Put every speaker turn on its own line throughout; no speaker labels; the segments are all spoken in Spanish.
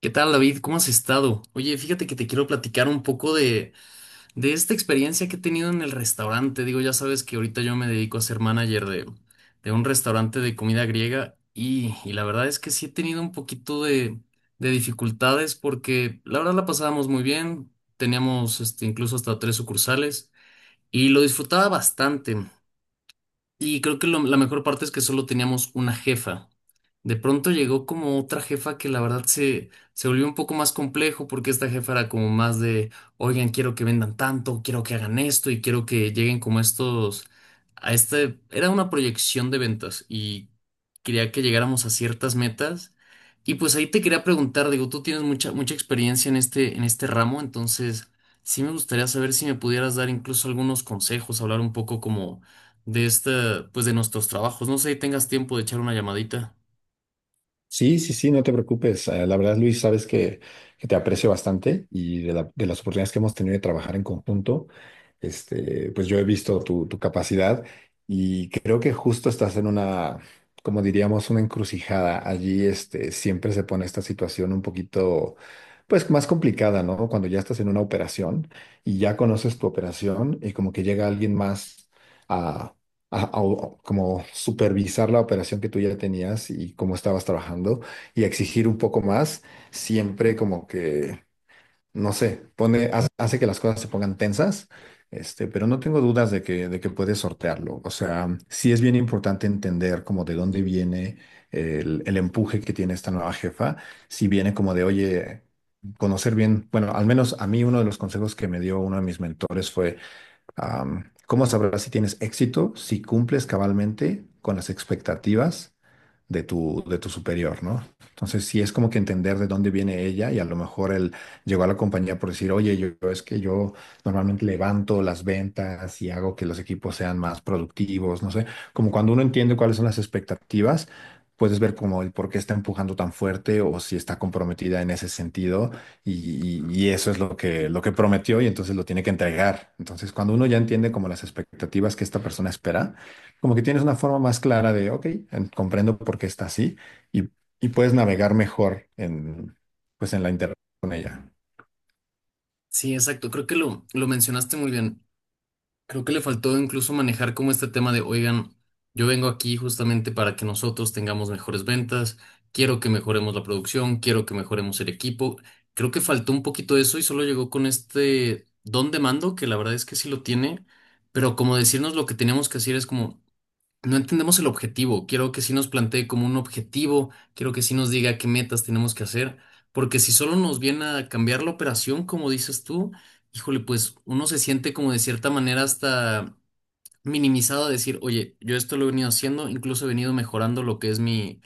¿Qué tal, David? ¿Cómo has estado? Oye, fíjate que te quiero platicar un poco de esta experiencia que he tenido en el restaurante. Digo, ya sabes que ahorita yo me dedico a ser manager de un restaurante de comida griega y la verdad es que sí he tenido un poquito de dificultades porque la verdad la pasábamos muy bien. Teníamos este, incluso hasta tres sucursales y lo disfrutaba bastante. Y creo que la mejor parte es que solo teníamos una jefa. De pronto llegó como otra jefa que la verdad se volvió un poco más complejo porque esta jefa era como más de, oigan, quiero que vendan tanto, quiero que hagan esto y quiero que lleguen como estos, a este, era una proyección de ventas y quería que llegáramos a ciertas metas. Y pues ahí te quería preguntar, digo, tú tienes mucha, mucha experiencia en este ramo, entonces sí me gustaría saber si me pudieras dar incluso algunos consejos, hablar un poco como de esta, pues de nuestros trabajos. No sé si tengas tiempo de echar una llamadita.
Sí, sí, sí, no te preocupes. La verdad, Luis, sabes que te aprecio bastante y de las oportunidades que hemos tenido de trabajar en conjunto, pues yo he visto tu capacidad y creo que justo estás en una, como diríamos, una encrucijada. Allí, siempre se pone esta situación un poquito, pues más complicada, ¿no? Cuando ya estás en una operación y ya conoces tu operación y como que llega alguien más como supervisar la operación que tú ya tenías y cómo estabas trabajando y exigir un poco más, siempre como que, no sé, pone, hace, hace que las cosas se pongan tensas, pero no tengo dudas de que puedes sortearlo. O sea, sí es bien importante entender como de dónde viene el empuje que tiene esta nueva jefa, si viene como de, oye, conocer bien, bueno, al menos a mí uno de los consejos que me dio uno de mis mentores fue. ¿Cómo sabrás si tienes éxito? Si cumples cabalmente con las expectativas de tu superior, ¿no? Entonces, sí es como que entender de dónde viene ella y a lo mejor él llegó a la compañía por decir, oye, yo es que yo normalmente levanto las ventas y hago que los equipos sean más productivos, no sé, como cuando uno entiende cuáles son las expectativas. Puedes ver como el por qué está empujando tan fuerte o si está comprometida en ese sentido y eso es lo que prometió y entonces lo tiene que entregar. Entonces, cuando uno ya entiende como las expectativas que esta persona espera, como que tienes una forma más clara de, ok, comprendo por qué está así y, y puedes navegar mejor en, pues en la interacción con ella.
Sí, exacto. Creo que lo mencionaste muy bien. Creo que le faltó incluso manejar como este tema de, oigan, yo vengo aquí justamente para que nosotros tengamos mejores ventas, quiero que mejoremos la producción, quiero que mejoremos el equipo. Creo que faltó un poquito eso y solo llegó con este don de mando, que la verdad es que sí lo tiene, pero como decirnos lo que teníamos que hacer es como... No entendemos el objetivo. Quiero que sí nos plantee como un objetivo, quiero que sí nos diga qué metas tenemos que hacer, porque si solo nos viene a cambiar la operación, como dices tú, híjole, pues uno se siente como de cierta manera hasta minimizado a decir, oye, yo esto lo he venido haciendo, incluso he venido mejorando lo que es mi,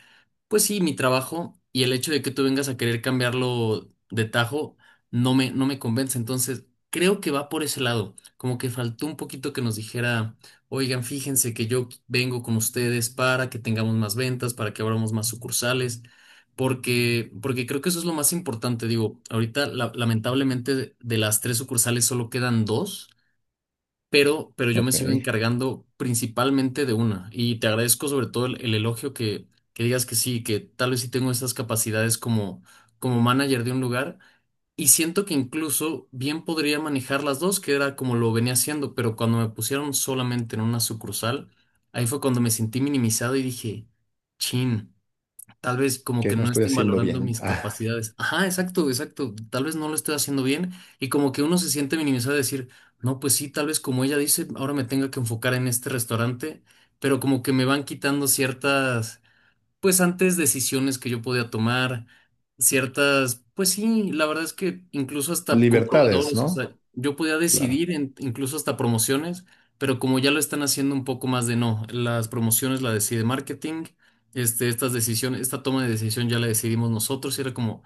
pues sí, mi trabajo y el hecho de que tú vengas a querer cambiarlo de tajo no me convence. Entonces, creo que va por ese lado. Como que faltó un poquito que nos dijera, oigan, fíjense que yo vengo con ustedes para que tengamos más ventas, para que abramos más sucursales, porque creo que eso es lo más importante. Digo, ahorita lamentablemente de las tres sucursales solo quedan dos pero yo me
Ok,
sigo encargando principalmente de una. Y te agradezco sobre todo el elogio que digas que sí, que tal vez sí tengo estas capacidades como, como manager de un lugar. Y siento que incluso bien podría manejar las dos, que era como lo venía haciendo, pero cuando me pusieron solamente en una sucursal, ahí fue cuando me sentí minimizado y dije, chin. Tal vez como
¿qué
que
no
no
estoy
estén
haciendo
valorando
bien?
mis
Ah,
capacidades. Ajá, exacto, exacto. Tal vez no lo estoy haciendo bien y como que uno se siente minimizado de decir, no, pues sí, tal vez como ella dice, ahora me tenga que enfocar en este restaurante, pero como que me van quitando ciertas pues antes decisiones que yo podía tomar, ciertas, pues sí, la verdad es que incluso hasta con
libertades,
proveedores, o
¿no?
sea, yo podía
Claro.
decidir incluso hasta promociones, pero como ya lo están haciendo un poco más de no, las promociones la decide marketing, este, estas decisiones, esta toma de decisión ya la decidimos nosotros y era como,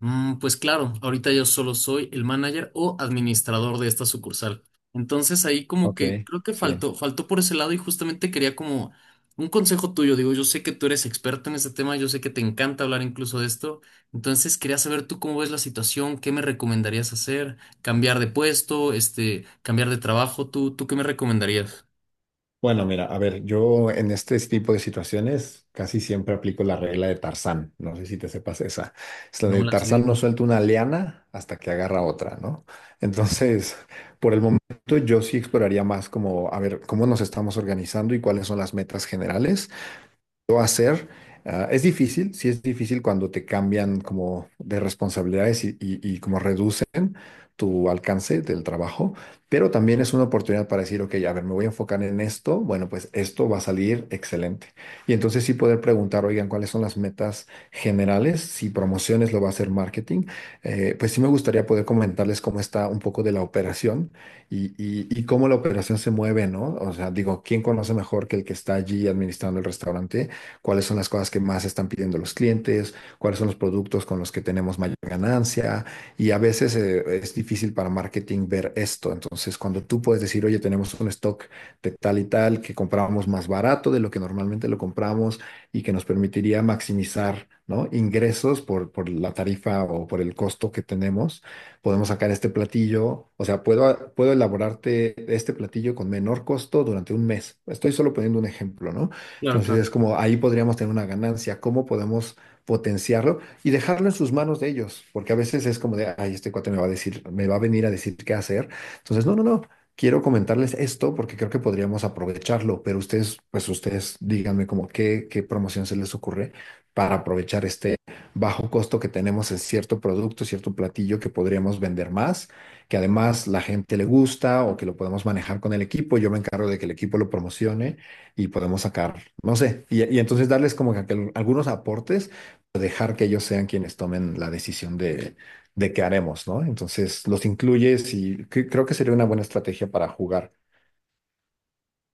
pues claro, ahorita yo solo soy el manager o administrador de esta sucursal. Entonces ahí como
Ok,
que creo que
sí.
faltó, faltó por ese lado y justamente quería como un consejo tuyo, digo, yo sé que tú eres experto en este tema, yo sé que te encanta hablar incluso de esto, entonces quería saber tú cómo ves la situación, qué me recomendarías hacer, cambiar de puesto, este, cambiar de trabajo, tú qué me recomendarías?
Bueno, mira, a ver, yo en este tipo de situaciones casi siempre aplico la regla de Tarzán. No sé si te sepas esa. Es la
No,
de
la sé,
Tarzán, no
dime.
suelta una liana hasta que agarra otra, ¿no? Entonces, por el momento yo sí exploraría más como, a ver, cómo nos estamos organizando y cuáles son las metas generales lo hacer. Ah, es difícil, sí es difícil cuando te cambian como de responsabilidades y como reducen tu alcance del trabajo, pero también es una oportunidad para decir, ok, a ver, me voy a enfocar en esto, bueno, pues esto va a salir excelente. Y entonces sí poder preguntar, oigan, ¿cuáles son las metas generales? Si promociones lo va a hacer marketing, pues sí me gustaría poder comentarles cómo está un poco de la operación y cómo la operación se mueve, ¿no? O sea, digo, ¿quién conoce mejor que el que está allí administrando el restaurante? Cuáles son las cosas que más están pidiendo los clientes, cuáles son los productos con los que tenemos mayor ganancia. Y a veces es difícil para marketing ver esto. Entonces, cuando tú puedes decir, oye, tenemos un stock de tal y tal que compramos más barato de lo que normalmente lo compramos y que nos permitiría maximizar, ¿no?, ingresos por la tarifa o por el costo que tenemos, podemos sacar este platillo, o sea, puedo elaborarte este platillo con menor costo durante un mes. Estoy solo poniendo un ejemplo, ¿no?
Claro,
Entonces
claro.
es como ahí podríamos tener una ganancia, cómo podemos potenciarlo y dejarlo en sus manos de ellos, porque a veces es como de, ay, este cuate me va a decir, me va a venir a decir qué hacer. Entonces, no, no, no, quiero comentarles esto porque creo que podríamos aprovecharlo, pero ustedes, pues ustedes díganme como qué, qué promoción se les ocurre para aprovechar este bajo costo que tenemos en cierto producto, cierto platillo que podríamos vender más, que además la gente le gusta o que lo podemos manejar con el equipo. Yo me encargo de que el equipo lo promocione y podemos sacar, no sé, y entonces darles como que algunos aportes, dejar que ellos sean quienes tomen la decisión de qué haremos, ¿no? Entonces los incluyes y creo que sería una buena estrategia para jugar.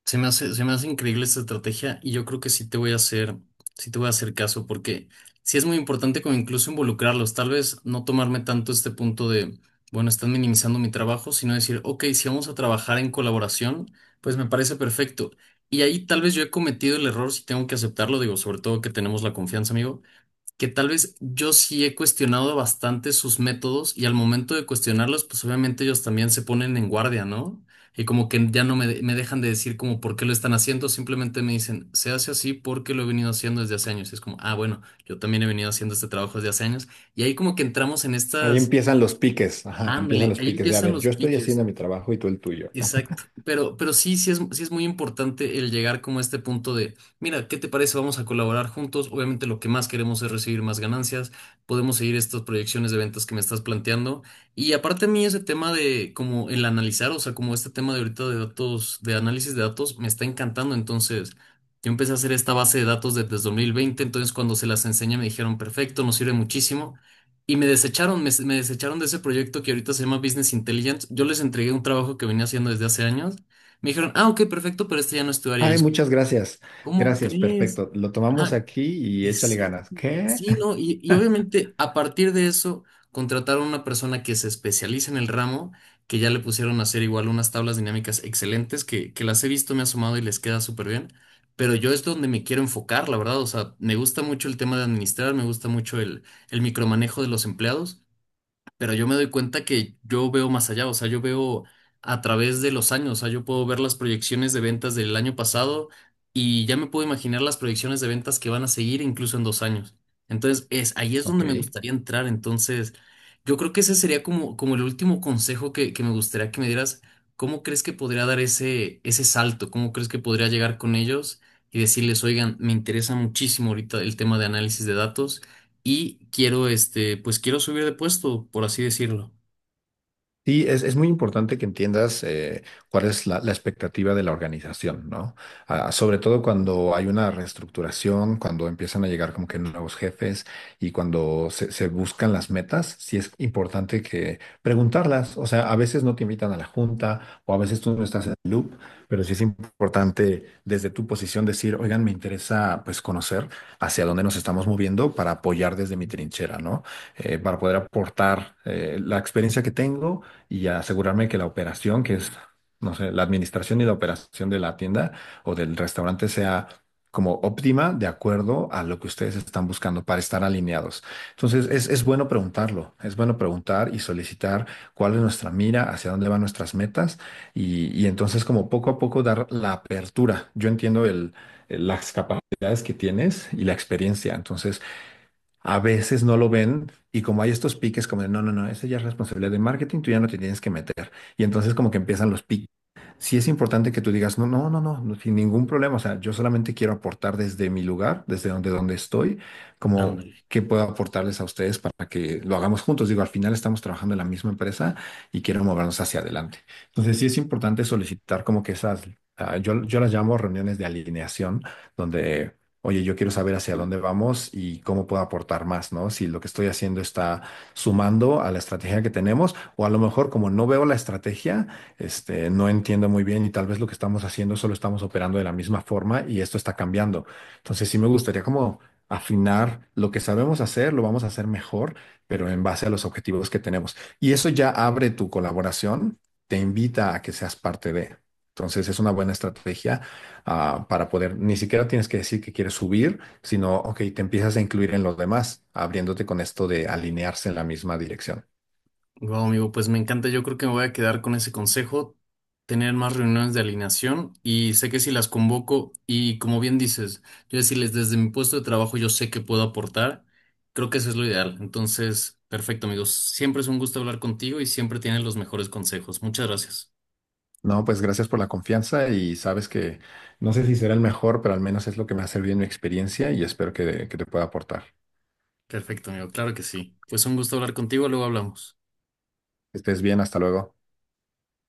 Se me hace increíble esta estrategia y yo creo que sí te voy a hacer caso porque sí es muy importante como incluso involucrarlos, tal vez no tomarme tanto este punto de, bueno, están minimizando mi trabajo, sino decir, ok, si vamos a trabajar en colaboración, pues me parece perfecto. Y ahí tal vez yo he cometido el error, si tengo que aceptarlo, digo, sobre todo que tenemos la confianza, amigo que tal vez yo sí he cuestionado bastante sus métodos y al momento de cuestionarlos, pues obviamente ellos también se ponen en guardia, ¿no? Y como que ya no me, me dejan de decir como por qué lo están haciendo, simplemente me dicen, se hace así porque lo he venido haciendo desde hace años. Y es como, ah, bueno, yo también he venido haciendo este trabajo desde hace años. Y ahí como que entramos en
Ahí
estas,
empiezan los piques, ajá, empiezan
ándale,
los
ahí
piques de, a
empiezan
ver, yo
los
estoy
piques.
haciendo mi trabajo y tú el tuyo.
Exacto, pero sí, sí es muy importante el llegar como a este punto de, mira, ¿qué te parece? Vamos a colaborar juntos. Obviamente lo que más queremos es recibir más ganancias, podemos seguir estas proyecciones de ventas que me estás planteando. Y aparte a mí ese tema de como el analizar, o sea, como este tema de ahorita de datos, de análisis de datos, me está encantando. Entonces, yo empecé a hacer esta base de datos desde 2020, entonces cuando se las enseñé me dijeron, perfecto, nos sirve muchísimo. Y me desecharon, me desecharon de ese proyecto que ahorita se llama Business Intelligence. Yo les entregué un trabajo que venía haciendo desde hace años. Me dijeron, ah, ok, perfecto, pero este ya no es tu área.
Ay, muchas gracias,
¿Cómo
gracias,
crees?
perfecto. Lo tomamos
Ajá,
aquí y échale
exacto.
ganas. ¿Qué?
Sí, ¿no? Y obviamente a partir de eso contrataron a una persona que se especializa en el ramo, que ya le pusieron a hacer igual unas tablas dinámicas excelentes, que las he visto, me he asomado y les queda súper bien. Pero yo es donde me quiero enfocar, la verdad. O sea, me gusta mucho el tema de administrar, me gusta mucho el micromanejo de los empleados pero yo me doy cuenta que yo veo más allá, o sea, yo veo a través de los años, o sea, yo puedo ver las proyecciones de ventas del año pasado y ya me puedo imaginar las proyecciones de ventas que van a seguir incluso en 2 años. Entonces, es, ahí es donde me
Ok.
gustaría entrar. Entonces, yo creo que ese sería como, como el último consejo que me gustaría que me dieras. ¿Cómo crees que podría dar ese salto? ¿Cómo crees que podría llegar con ellos y decirles, oigan, me interesa muchísimo ahorita el tema de análisis de datos? Y quiero, este, pues quiero subir de puesto, por así decirlo.
Sí, es muy importante que entiendas cuál es la expectativa de la organización, ¿no? Ah, sobre todo cuando hay una reestructuración, cuando empiezan a llegar como que nuevos jefes y cuando se buscan las metas, sí es importante que preguntarlas. O sea, a veces no te invitan a la junta o a veces tú no estás en el loop, pero sí es importante desde tu posición decir, oigan, me interesa pues conocer hacia dónde nos estamos moviendo para apoyar desde mi trinchera, ¿no? Para poder aportar la experiencia que tengo y asegurarme que la operación, que es, no sé, la administración y la operación de la tienda o del restaurante sea como óptima de acuerdo a lo que ustedes están buscando para estar alineados. Entonces, es bueno preguntarlo, es bueno preguntar y solicitar cuál es nuestra mira, hacia dónde van nuestras metas y entonces como poco a poco dar la apertura. Yo entiendo las capacidades que tienes y la experiencia, entonces a veces no lo ven y como hay estos piques como de no, no, no, esa ya es responsabilidad de marketing, tú ya no te tienes que meter. Y entonces como que empiezan los piques. Sí es importante que tú digas, no, no, no, no, no, sin ningún problema. O sea, yo solamente quiero aportar desde mi lugar, desde donde, donde estoy, como
Ándale.
qué puedo aportarles a ustedes para que lo hagamos juntos. Digo, al final estamos trabajando en la misma empresa y quiero movernos hacia adelante. Entonces sí es importante solicitar como que esas, yo las llamo reuniones de alineación, donde oye, yo quiero saber hacia dónde vamos y cómo puedo aportar más, ¿no? Si lo que estoy haciendo está sumando a la estrategia que tenemos, o a lo mejor como no veo la estrategia, no entiendo muy bien y tal vez lo que estamos haciendo solo estamos operando de la misma forma y esto está cambiando. Entonces sí me gustaría como afinar lo que sabemos hacer, lo vamos a hacer mejor, pero en base a los objetivos que tenemos. Y eso ya abre tu colaboración, te invita a que seas parte de. Entonces es una buena estrategia para poder, ni siquiera tienes que decir que quieres subir, sino, ok, te empiezas a incluir en los demás, abriéndote con esto de alinearse en la misma dirección.
Wow, amigo, pues me encanta. Yo creo que me voy a quedar con ese consejo, tener más reuniones de alineación y sé que si las convoco y como bien dices, yo decirles desde mi puesto de trabajo yo sé que puedo aportar, creo que eso es lo ideal. Entonces, perfecto, amigos. Siempre es un gusto hablar contigo y siempre tienes los mejores consejos. Muchas gracias.
No, pues gracias por la confianza y sabes que no sé si será el mejor, pero al menos es lo que me ha servido en mi experiencia y espero que te pueda aportar.
Perfecto, amigo. Claro que sí. Pues un gusto hablar contigo, luego hablamos.
Que estés bien, hasta luego.